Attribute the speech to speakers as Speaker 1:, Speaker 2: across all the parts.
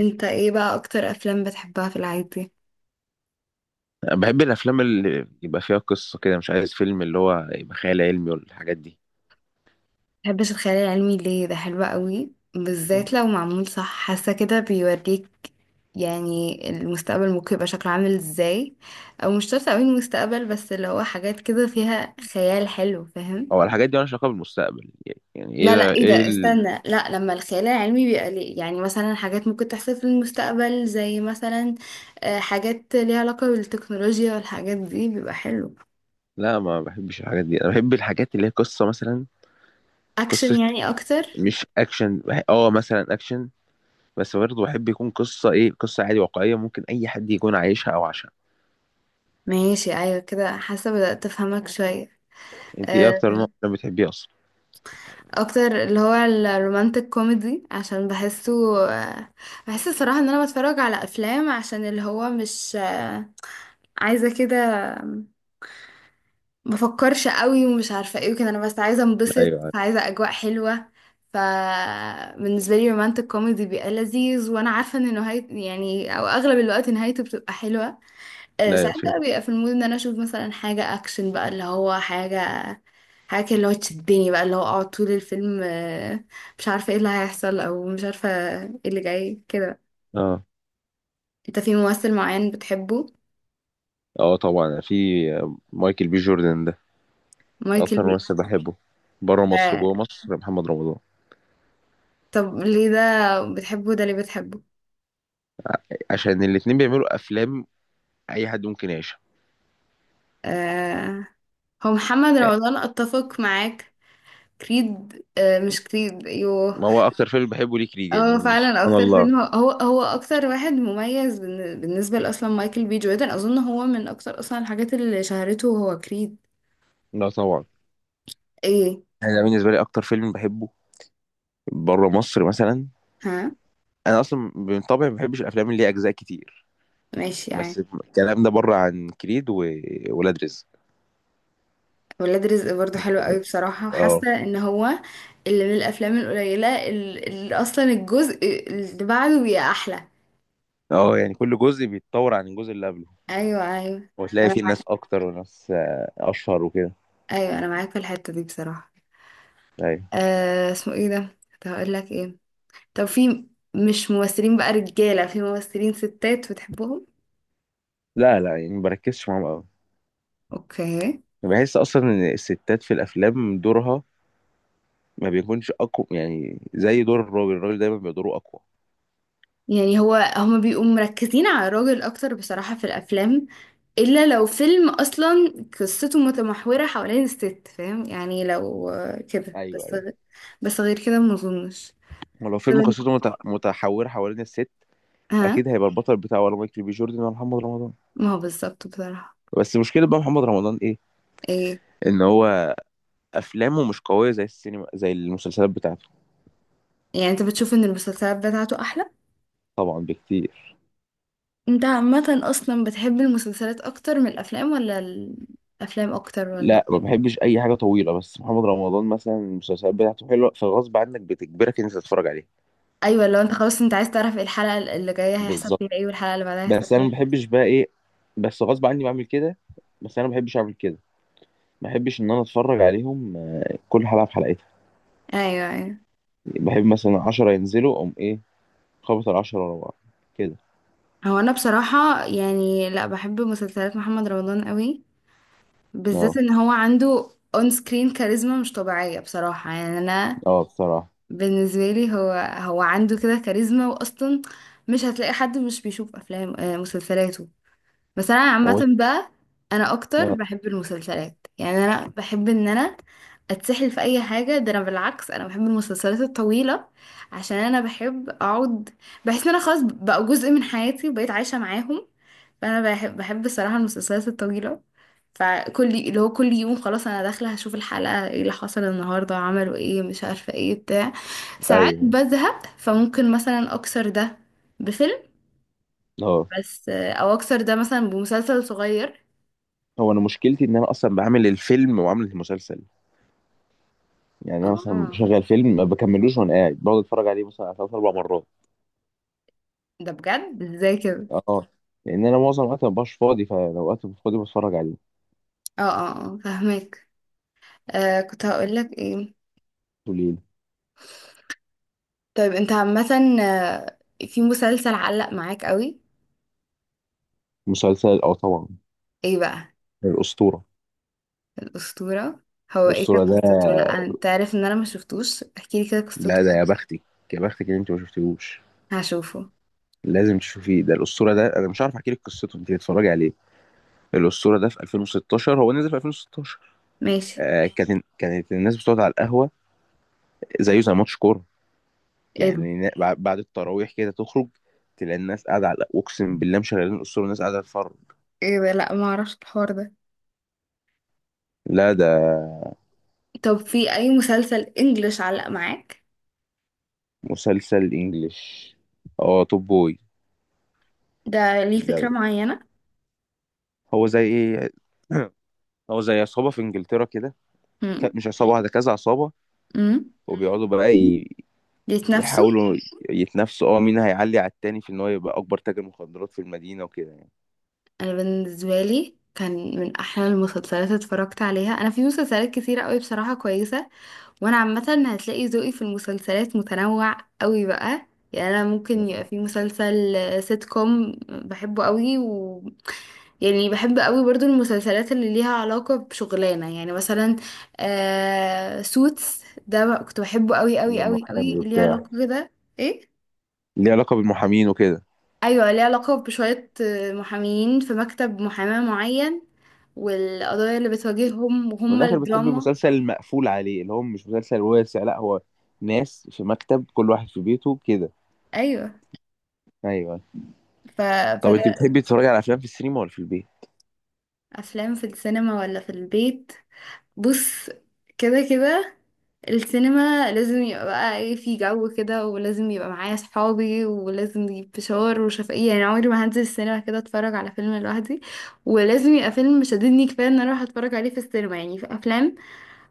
Speaker 1: انت ايه بقى اكتر افلام بتحبها في العادي؟
Speaker 2: أنا بحب الافلام اللي يبقى فيها قصه كده، مش عايز فيلم اللي هو يبقى خيال علمي ولا الحاجات دي.
Speaker 1: مبحبش الخيال العلمي ليه؟ ده حلو قوي، بالذات لو معمول صح، حاسه كده بيوريك يعني المستقبل ممكن يبقى شكله عامل ازاي. او مش شرط قوي المستقبل، بس اللي هو حاجات كده فيها خيال حلو، فاهم؟
Speaker 2: او الحاجات دي مالهاش علاقه بالمستقبل. يعني
Speaker 1: لا لا، ايه ده، استنى، لا لما الخيال العلمي بيبقى ليه يعني، مثلا حاجات ممكن تحصل في المستقبل زي مثلا حاجات ليها علاقه بالتكنولوجيا والحاجات دي بيبقى حلو.
Speaker 2: لا ما بحبش الحاجات دي، انا بحب الحاجات اللي هي قصه مثلا.
Speaker 1: اكشن
Speaker 2: قصه.
Speaker 1: يعني اكتر؟
Speaker 2: مش اكشن، مثلا اكشن. بس برضه بحب يكون قصه ايه، قصه عادي واقعيه ممكن اي حد يكون عايشها او عاشها.
Speaker 1: ماشي، ايوه كده حاسه بدأت افهمك شويه.
Speaker 2: انت ايه اكتر
Speaker 1: آه،
Speaker 2: نوع فيلم بتحبيه اصلا؟
Speaker 1: اكتر اللي هو الرومانتك كوميدي عشان بحسه. آه، بحس الصراحه ان انا بتفرج على افلام عشان اللي هو مش عايزه كده، بفكرش قوي ومش عارفه ايه وكده، انا بس عايزه انبسط،
Speaker 2: ايوه.
Speaker 1: عايزه اجواء حلوه. فبالنسبه لي رومانتك كوميدي بيبقى لذيذ، وانا عارفه ان نهايه يعني او اغلب الوقت نهايته بتبقى حلوه.
Speaker 2: لا، ايوه
Speaker 1: ساعات
Speaker 2: فيلم.
Speaker 1: بقى بيبقى في المود ان انا اشوف مثلا حاجة اكشن، بقى اللي هو حاجة، حاجة كده اللي هو تشدني، بقى اللي هو اقعد طول الفيلم مش عارفة ايه اللي هيحصل، او مش عارفة ايه اللي جاي كده.
Speaker 2: اه،
Speaker 1: انت في ممثل معين بتحبه؟
Speaker 2: اه، طبعا في. مايكل بي جوردن ده
Speaker 1: مايكل
Speaker 2: اكتر
Speaker 1: بي.
Speaker 2: ممثل بحبه. بره مصر،
Speaker 1: آه،
Speaker 2: جوه مصر محمد رمضان.
Speaker 1: طب ليه ده بتحبه؟ ده ليه بتحبه؟
Speaker 2: عشان الاتنين بيعملوا افلام اي حد ممكن يعيشها.
Speaker 1: آه، هو محمد
Speaker 2: يعني
Speaker 1: رمضان اتفق معاك؟ كريد، مش كريد، ايوه.
Speaker 2: ما هو اكتر فيلم بحبه ليه؟ كريد. يعني
Speaker 1: اه
Speaker 2: يعني
Speaker 1: فعلا
Speaker 2: سبحان
Speaker 1: اكتر
Speaker 2: الله.
Speaker 1: فيلم هو هو اكتر واحد مميز بالنسبه لاصلا مايكل بي جوردن، اظن هو من اكتر اصلا الحاجات اللي شهرته هو كريد.
Speaker 2: لا طبعا.
Speaker 1: ايه؟
Speaker 2: انا بالنسبه لي اكتر فيلم بحبه بره مصر مثلا.
Speaker 1: ها.
Speaker 2: انا اصلا من طبعي ما بحبش الافلام اللي ليها اجزاء كتير،
Speaker 1: ماشي
Speaker 2: بس
Speaker 1: يعني.
Speaker 2: الكلام ده بره عن كريد وولاد رزق.
Speaker 1: ولاد رزق برضو
Speaker 2: بحب
Speaker 1: حلو قوي
Speaker 2: ولاد رزق.
Speaker 1: بصراحه،
Speaker 2: اه.
Speaker 1: وحاسه ان هو اللي من الافلام القليله اللي اصلا الجزء اللي بعده بيبقى احلى.
Speaker 2: اه يعني كل جزء بيتطور عن الجزء اللي قبله،
Speaker 1: ايوه ايوه،
Speaker 2: وتلاقي
Speaker 1: انا
Speaker 2: فيه ناس
Speaker 1: معاك،
Speaker 2: اكتر وناس اشهر وكده.
Speaker 1: ايوه انا معاك في الحته دي بصراحه.
Speaker 2: ايوه.
Speaker 1: آه، اسمه ايه ده؟ كنت هقول لك ايه؟ طب في، مش ممثلين بقى رجاله، في ممثلين ستات بتحبهم؟
Speaker 2: لا، لا، يعني ما بركزش معاهم قوي.
Speaker 1: اوكي.
Speaker 2: بحس اصلا ان الستات في الافلام دورها ما بيكونش اقوى، يعني زي دور الراجل. الراجل دايما بيبقى دوره اقوى.
Speaker 1: يعني هو هما بيبقوا مركزين على الراجل اكتر بصراحة في الافلام، الا لو فيلم اصلا قصته متمحورة حوالين الست، فاهم يعني؟ لو كده
Speaker 2: ايوه،
Speaker 1: بس
Speaker 2: ايوه.
Speaker 1: بس غير كده ما اظنش.
Speaker 2: ولو
Speaker 1: طب
Speaker 2: فيلم قصته متحوره حوالين الست،
Speaker 1: ها.
Speaker 2: اكيد هيبقى البطل بتاعه ولا مايكل بي جوردن ولا محمد رمضان.
Speaker 1: ما هو بالظبط بصراحة.
Speaker 2: بس مشكله بقى محمد رمضان ايه؟
Speaker 1: ايه؟
Speaker 2: ان هو افلامه مش قويه زي السينما، زي المسلسلات بتاعته.
Speaker 1: يعني انت بتشوف ان المسلسلات بتاعته احلى؟
Speaker 2: طبعا بكتير.
Speaker 1: انت عامة اصلا بتحب المسلسلات اكتر من الافلام ولا الافلام اكتر ولا؟
Speaker 2: لا ما بحبش اي حاجه طويله، بس محمد رمضان مثلا المسلسلات بتاعته حلوه فغصب عنك بتجبرك ان انت تتفرج عليها.
Speaker 1: ايوه، لو انت خلاص انت عايز تعرف ايه الحلقة اللي جاية هيحصل
Speaker 2: بالظبط.
Speaker 1: فيها ايه، والحلقة اللي بعدها هيحصل
Speaker 2: بس انا
Speaker 1: فيها
Speaker 2: ما
Speaker 1: إيه.
Speaker 2: بحبش بقى ايه. بس غصب عني بعمل كده. بس انا ما بحبش اعمل كده. ما بحبش ان انا اتفرج عليهم كل حلقه في حلقتها.
Speaker 1: ايوه ايوه.
Speaker 2: بحب مثلا 10 ينزلوا اقوم ايه، خبط ال10 ورا بعض كده.
Speaker 1: هو انا بصراحة يعني لا بحب مسلسلات محمد رمضان قوي، بالذات
Speaker 2: اه،
Speaker 1: ان هو عنده اون سكرين كاريزما مش طبيعية بصراحة، يعني انا
Speaker 2: اه، بصراحه.
Speaker 1: بالنسبة لي هو هو عنده كده كاريزما، واصلا مش هتلاقي حد مش بيشوف افلام مسلسلاته. بس انا عامة
Speaker 2: هو.
Speaker 1: بقى انا اكتر
Speaker 2: اه.
Speaker 1: بحب المسلسلات، يعني انا بحب ان انا اتسحل في اي حاجة، ده انا بالعكس انا بحب المسلسلات الطويلة عشان انا بحب اقعد، بحس ان انا خلاص بقوا جزء من حياتي وبقيت عايشة معاهم. فانا بحب الصراحه المسلسلات الطويله، فكل اللي هو كل يوم خلاص انا داخله هشوف الحلقه ايه اللي حصل النهارده، عملوا ايه مش عارفه ايه بتاع. ساعات
Speaker 2: ايوه.
Speaker 1: بزهق، فممكن مثلا اكسر ده بفيلم،
Speaker 2: اه.
Speaker 1: بس او اكسر ده مثلا بمسلسل صغير.
Speaker 2: هو انا مشكلتي ان انا اصلا بعمل الفيلم وعامل المسلسل. يعني انا مثلا
Speaker 1: اه
Speaker 2: بشغل فيلم ما بكملوش وانا قاعد بقعد اتفرج عليه مثلا على ثلاث اربع مرات.
Speaker 1: ده بجد؟ ازاي كده؟
Speaker 2: اه. لان انا معظم الوقت ما ببقاش فاضي، فلو وقت مش فاضي بتفرج عليه.
Speaker 1: اه اه اه فاهمك. آه كنت هقول لك ايه؟
Speaker 2: قليل.
Speaker 1: طيب انت عامه، آه، في مسلسل علق معاك قوي؟
Speaker 2: مسلسل، اه طبعا.
Speaker 1: ايه بقى؟
Speaker 2: الاسطوره.
Speaker 1: الأسطورة؟ هو ايه
Speaker 2: الاسطوره
Speaker 1: كانت
Speaker 2: ده.
Speaker 1: قصته؟ لا انت عارف ان انا ما شفتوش، احكيلي كده قصته.
Speaker 2: لا ده يا بختك، يا بختك ان انت ما شفتيهوش.
Speaker 1: هشوفه،
Speaker 2: لازم تشوفيه. ده الاسطوره ده، انا مش عارف احكي لك قصته، انت تتفرجي عليه. الاسطوره ده في 2016، هو نزل في 2016.
Speaker 1: ماشي.
Speaker 2: كانت الناس بتقعد على القهوه، زيه زي ماتش كوره.
Speaker 1: ايه ده؟
Speaker 2: يعني بعد التراويح كده تخرج، تلاقي الناس قاعده على القهوة. اقسم بالله مشغلين الاسطوره الناس قاعده تتفرج.
Speaker 1: ايه ده؟ لا ما اعرفش الحوار ده.
Speaker 2: لا ده.
Speaker 1: طب في اي مسلسل انجلش علق معاك؟
Speaker 2: مسلسل انجليش، اه. توب بوي
Speaker 1: ده ليه
Speaker 2: ده.
Speaker 1: فكرة معينة؟
Speaker 2: هو زي ايه هو زي عصابه في انجلترا كده.
Speaker 1: امم،
Speaker 2: مش عصابه واحده، كذا عصابه
Speaker 1: امم.
Speaker 2: وبيقعدوا بقى
Speaker 1: ليت نفسه.
Speaker 2: يحاولوا يتنافسوا، مين هيعلي على التاني في ان هو يبقى اكبر تاجر مخدرات في المدينه وكده يعني.
Speaker 1: انا بالنسبة لي كان من احلى المسلسلات اللي اتفرجت عليها. انا في مسلسلات كتيرة قوي بصراحة كويسة، وانا عامة هتلاقي ذوقي في المسلسلات متنوع قوي بقى. يعني انا ممكن
Speaker 2: آه.
Speaker 1: يبقى في مسلسل سيت كوم بحبه قوي، و يعني بحب قوي برضو المسلسلات اللي ليها علاقة بشغلانة، يعني مثلا سوتس ده بقى كنت بحبه قوي قوي قوي قوي،
Speaker 2: المحامي
Speaker 1: ليه
Speaker 2: وبتاع.
Speaker 1: علاقة كده. ايه؟
Speaker 2: ليه علاقه بالمحامين وكده.
Speaker 1: ايوه ليه علاقة بشوية محامين في مكتب محاماة معين، والقضايا اللي بتواجههم
Speaker 2: ومن
Speaker 1: وهم
Speaker 2: الاخر بتحب
Speaker 1: الدراما.
Speaker 2: المسلسل المقفول عليه اللي هو مش مسلسل واسع، لا هو ناس في مكتب كل واحد في بيته كده.
Speaker 1: ايوه.
Speaker 2: ايوه.
Speaker 1: ف...
Speaker 2: طب انت
Speaker 1: فده
Speaker 2: بتحبي تتفرجي على افلام في السينما ولا في البيت؟
Speaker 1: افلام في السينما ولا في البيت؟ بص، كده كده السينما لازم يبقى بقى ايه في جو كده، ولازم يبقى معايا صحابي، ولازم نجيب فشار وشفقية، يعني عمري ما هنزل السينما كده اتفرج على فيلم لوحدي، ولازم يبقى فيلم شددني كفاية ان انا اروح اتفرج عليه في السينما. يعني في افلام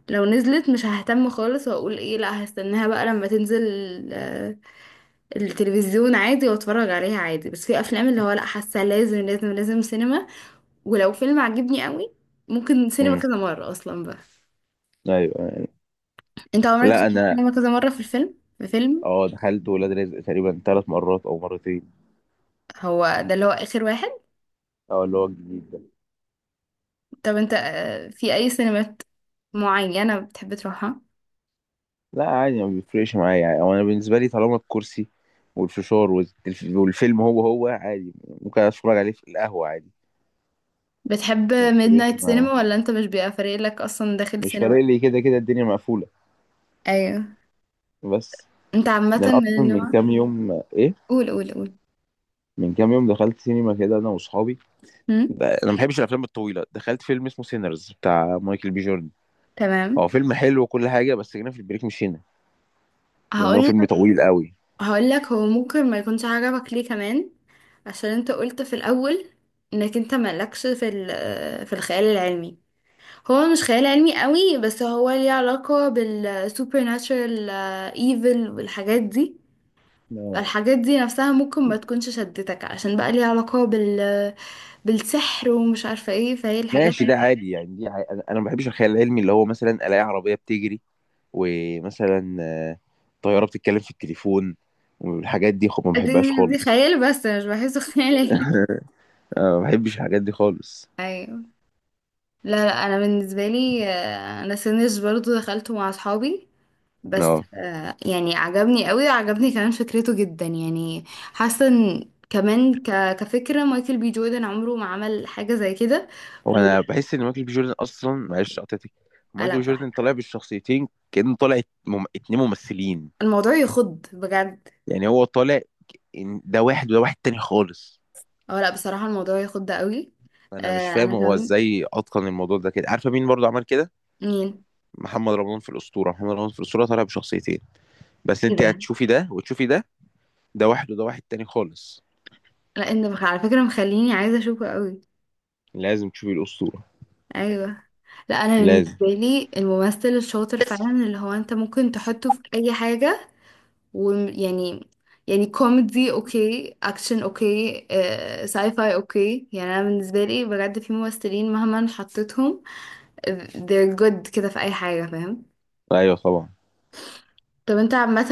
Speaker 1: لو نزلت مش ههتم خالص واقول ايه لا هستناها بقى لما تنزل آه، التلفزيون عادي واتفرج عليها عادي، بس في افلام اللي هو لا، حاسة لازم لازم لازم سينما. ولو فيلم عجبني قوي ممكن سينما
Speaker 2: امم.
Speaker 1: كذا مرة اصلا بقى.
Speaker 2: ايوه، أيوة.
Speaker 1: انت عمرك
Speaker 2: لا
Speaker 1: دخلت
Speaker 2: انا،
Speaker 1: السينما كذا مرة في الفيلم، في فيلم؟
Speaker 2: اه دخلت ولاد رزق تقريبا ثلاث مرات او مرتين.
Speaker 1: هو ده اللي هو آخر واحد؟
Speaker 2: اه اللي هو الجديد ده.
Speaker 1: طب انت في أي سينمات معينة بتحب تروحها؟
Speaker 2: لا عادي، ما بيفرقش معايا، يعني أو انا بالنسبه لي طالما الكرسي والفشار والفيلم هو عادي. ممكن اتفرج عليه في القهوه عادي.
Speaker 1: بتحب
Speaker 2: ما
Speaker 1: ميد
Speaker 2: بيفرقش
Speaker 1: نايت
Speaker 2: معايا.
Speaker 1: سينما ولا انت مش بيبقى فارق لك أصلا داخل
Speaker 2: مش
Speaker 1: سينما؟
Speaker 2: فارق لي كده كده، الدنيا مقفوله.
Speaker 1: أيوه.
Speaker 2: بس.
Speaker 1: انت عامة
Speaker 2: ده انا
Speaker 1: من
Speaker 2: اصلا من
Speaker 1: النوع.
Speaker 2: كام يوم ايه،
Speaker 1: قول قول قول.
Speaker 2: من كام يوم دخلت سينما كده انا واصحابي.
Speaker 1: هم؟
Speaker 2: انا ما بحبش الافلام الطويله، دخلت فيلم اسمه سينرز بتاع مايكل بي جوردن. هو
Speaker 1: تمام.
Speaker 2: فيلم حلو وكل حاجه، بس جينا في البريك مشينا، لان هو
Speaker 1: هقول
Speaker 2: فيلم طويل قوي.
Speaker 1: هقول لك هو ممكن ما يكونش عجبك ليه كمان، عشان انت قلت في الأول انك انت مالكش في في الخيال العلمي. هو مش خيال علمي قوي، بس هو ليه علاقة بالسوبر ناتشرال ايفل والحاجات دي.
Speaker 2: آه.
Speaker 1: الحاجات دي نفسها ممكن ما تكونش شدتك عشان بقى ليها علاقة بال بالسحر ومش عارفة ايه، فهي الحاجات
Speaker 2: ماشي،
Speaker 1: اللي-
Speaker 2: ده عادي يعني، دي عادي. انا ما بحبش الخيال العلمي، اللي هو مثلا الاقي عربيه بتجري، ومثلا طيارة بتتكلم في التليفون، والحاجات دي خب ما بحبهاش
Speaker 1: دي
Speaker 2: خالص.
Speaker 1: خيال، بس أنا مش بحسه خيال علمي.
Speaker 2: ما بحبش الحاجات دي خالص.
Speaker 1: ايوه. لا لا، انا بالنسبة لي انا سينج برضو دخلته مع اصحابي، بس
Speaker 2: اه،
Speaker 1: يعني عجبني قوي، عجبني كمان فكرته جدا، يعني حاسه ان كمان كفكره مايكل بي جوردن عمره ما عمل حاجه زي كده. و
Speaker 2: وانا بحس ان مايكل بي جوردن اصلا، معلش قطعتك، مايكل
Speaker 1: لا
Speaker 2: بي
Speaker 1: براحته.
Speaker 2: جوردن طالع بالشخصيتين كأنه طالع اتنين ممثلين.
Speaker 1: الموضوع يخض بجد.
Speaker 2: يعني هو طالع إن ده واحد وده واحد تاني خالص.
Speaker 1: اه لا بصراحه الموضوع يخض قوي.
Speaker 2: انا مش
Speaker 1: آه انا
Speaker 2: فاهم هو
Speaker 1: كمان.
Speaker 2: ازاي اتقن الموضوع ده كده؟ عارفه مين برضه عمل كده؟
Speaker 1: مين؟
Speaker 2: محمد رمضان في الاسطوره. محمد رمضان في الاسطوره طالع بشخصيتين، بس
Speaker 1: ايه
Speaker 2: انت
Speaker 1: ده؟
Speaker 2: هتشوفي ده وتشوفي ده، ده واحد وده واحد تاني خالص.
Speaker 1: لا انت على فكره مخليني عايزه اشوفه قوي.
Speaker 2: لازم تشوفي الاسطوره.
Speaker 1: ايوه. لا انا
Speaker 2: لازم.
Speaker 1: بالنسبه لي الممثل الشاطر فعلا
Speaker 2: تسلم.
Speaker 1: اللي هو انت ممكن تحطه في اي حاجه، ويعني يعني كوميدي اوكي، اكشن اوكي، ساي فاي اوكي. يعني انا بالنسبه لي بجد في ممثلين مهما حطيتهم they're good كده في اي حاجه، فاهم.
Speaker 2: ايوه طبعا.
Speaker 1: طب انت عامه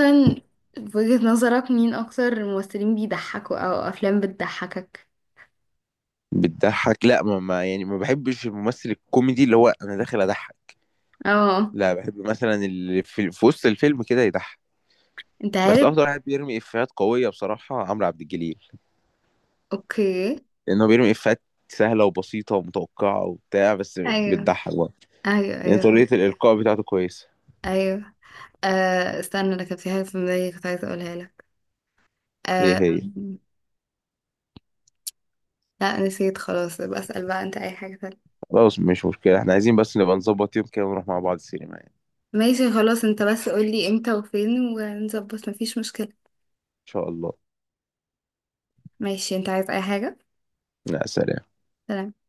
Speaker 1: في وجهه نظرك مين اكتر ممثلين بيضحكوا او افلام بتضحكك؟
Speaker 2: بتضحك. لا، يعني ما بحبش الممثل الكوميدي اللي هو انا داخل اضحك،
Speaker 1: اه.
Speaker 2: لا بحب مثلا اللي في وسط الفيلم كده يضحك.
Speaker 1: انت
Speaker 2: بس
Speaker 1: عارف.
Speaker 2: افضل واحد بيرمي افيهات قويه بصراحه عمرو عبد الجليل،
Speaker 1: اوكي.
Speaker 2: لانه بيرمي افيهات سهله وبسيطه ومتوقعه وبتاع، بس
Speaker 1: ايوه
Speaker 2: بتضحك برضه،
Speaker 1: ايوه
Speaker 2: لان
Speaker 1: ايوه
Speaker 2: طريقه الالقاء بتاعته كويسه.
Speaker 1: ايوه. آه استنى، انا كان في حاجه في دماغي كنت عايزه اقولها لك.
Speaker 2: ايه
Speaker 1: آه،
Speaker 2: هي؟
Speaker 1: لا نسيت خلاص. بسأل بقى، انت اي حاجه تانية؟
Speaker 2: خلاص مش مشكله، احنا عايزين بس نبقى نظبط يوم كده ونروح مع بعض السينما يعني.
Speaker 1: ماشي خلاص، انت بس قولي امتى وفين ونظبط مفيش مشكلة.
Speaker 2: ان شاء الله.
Speaker 1: ماشي، انت عايز اي حاجة؟
Speaker 2: لا، سلام.
Speaker 1: سلام.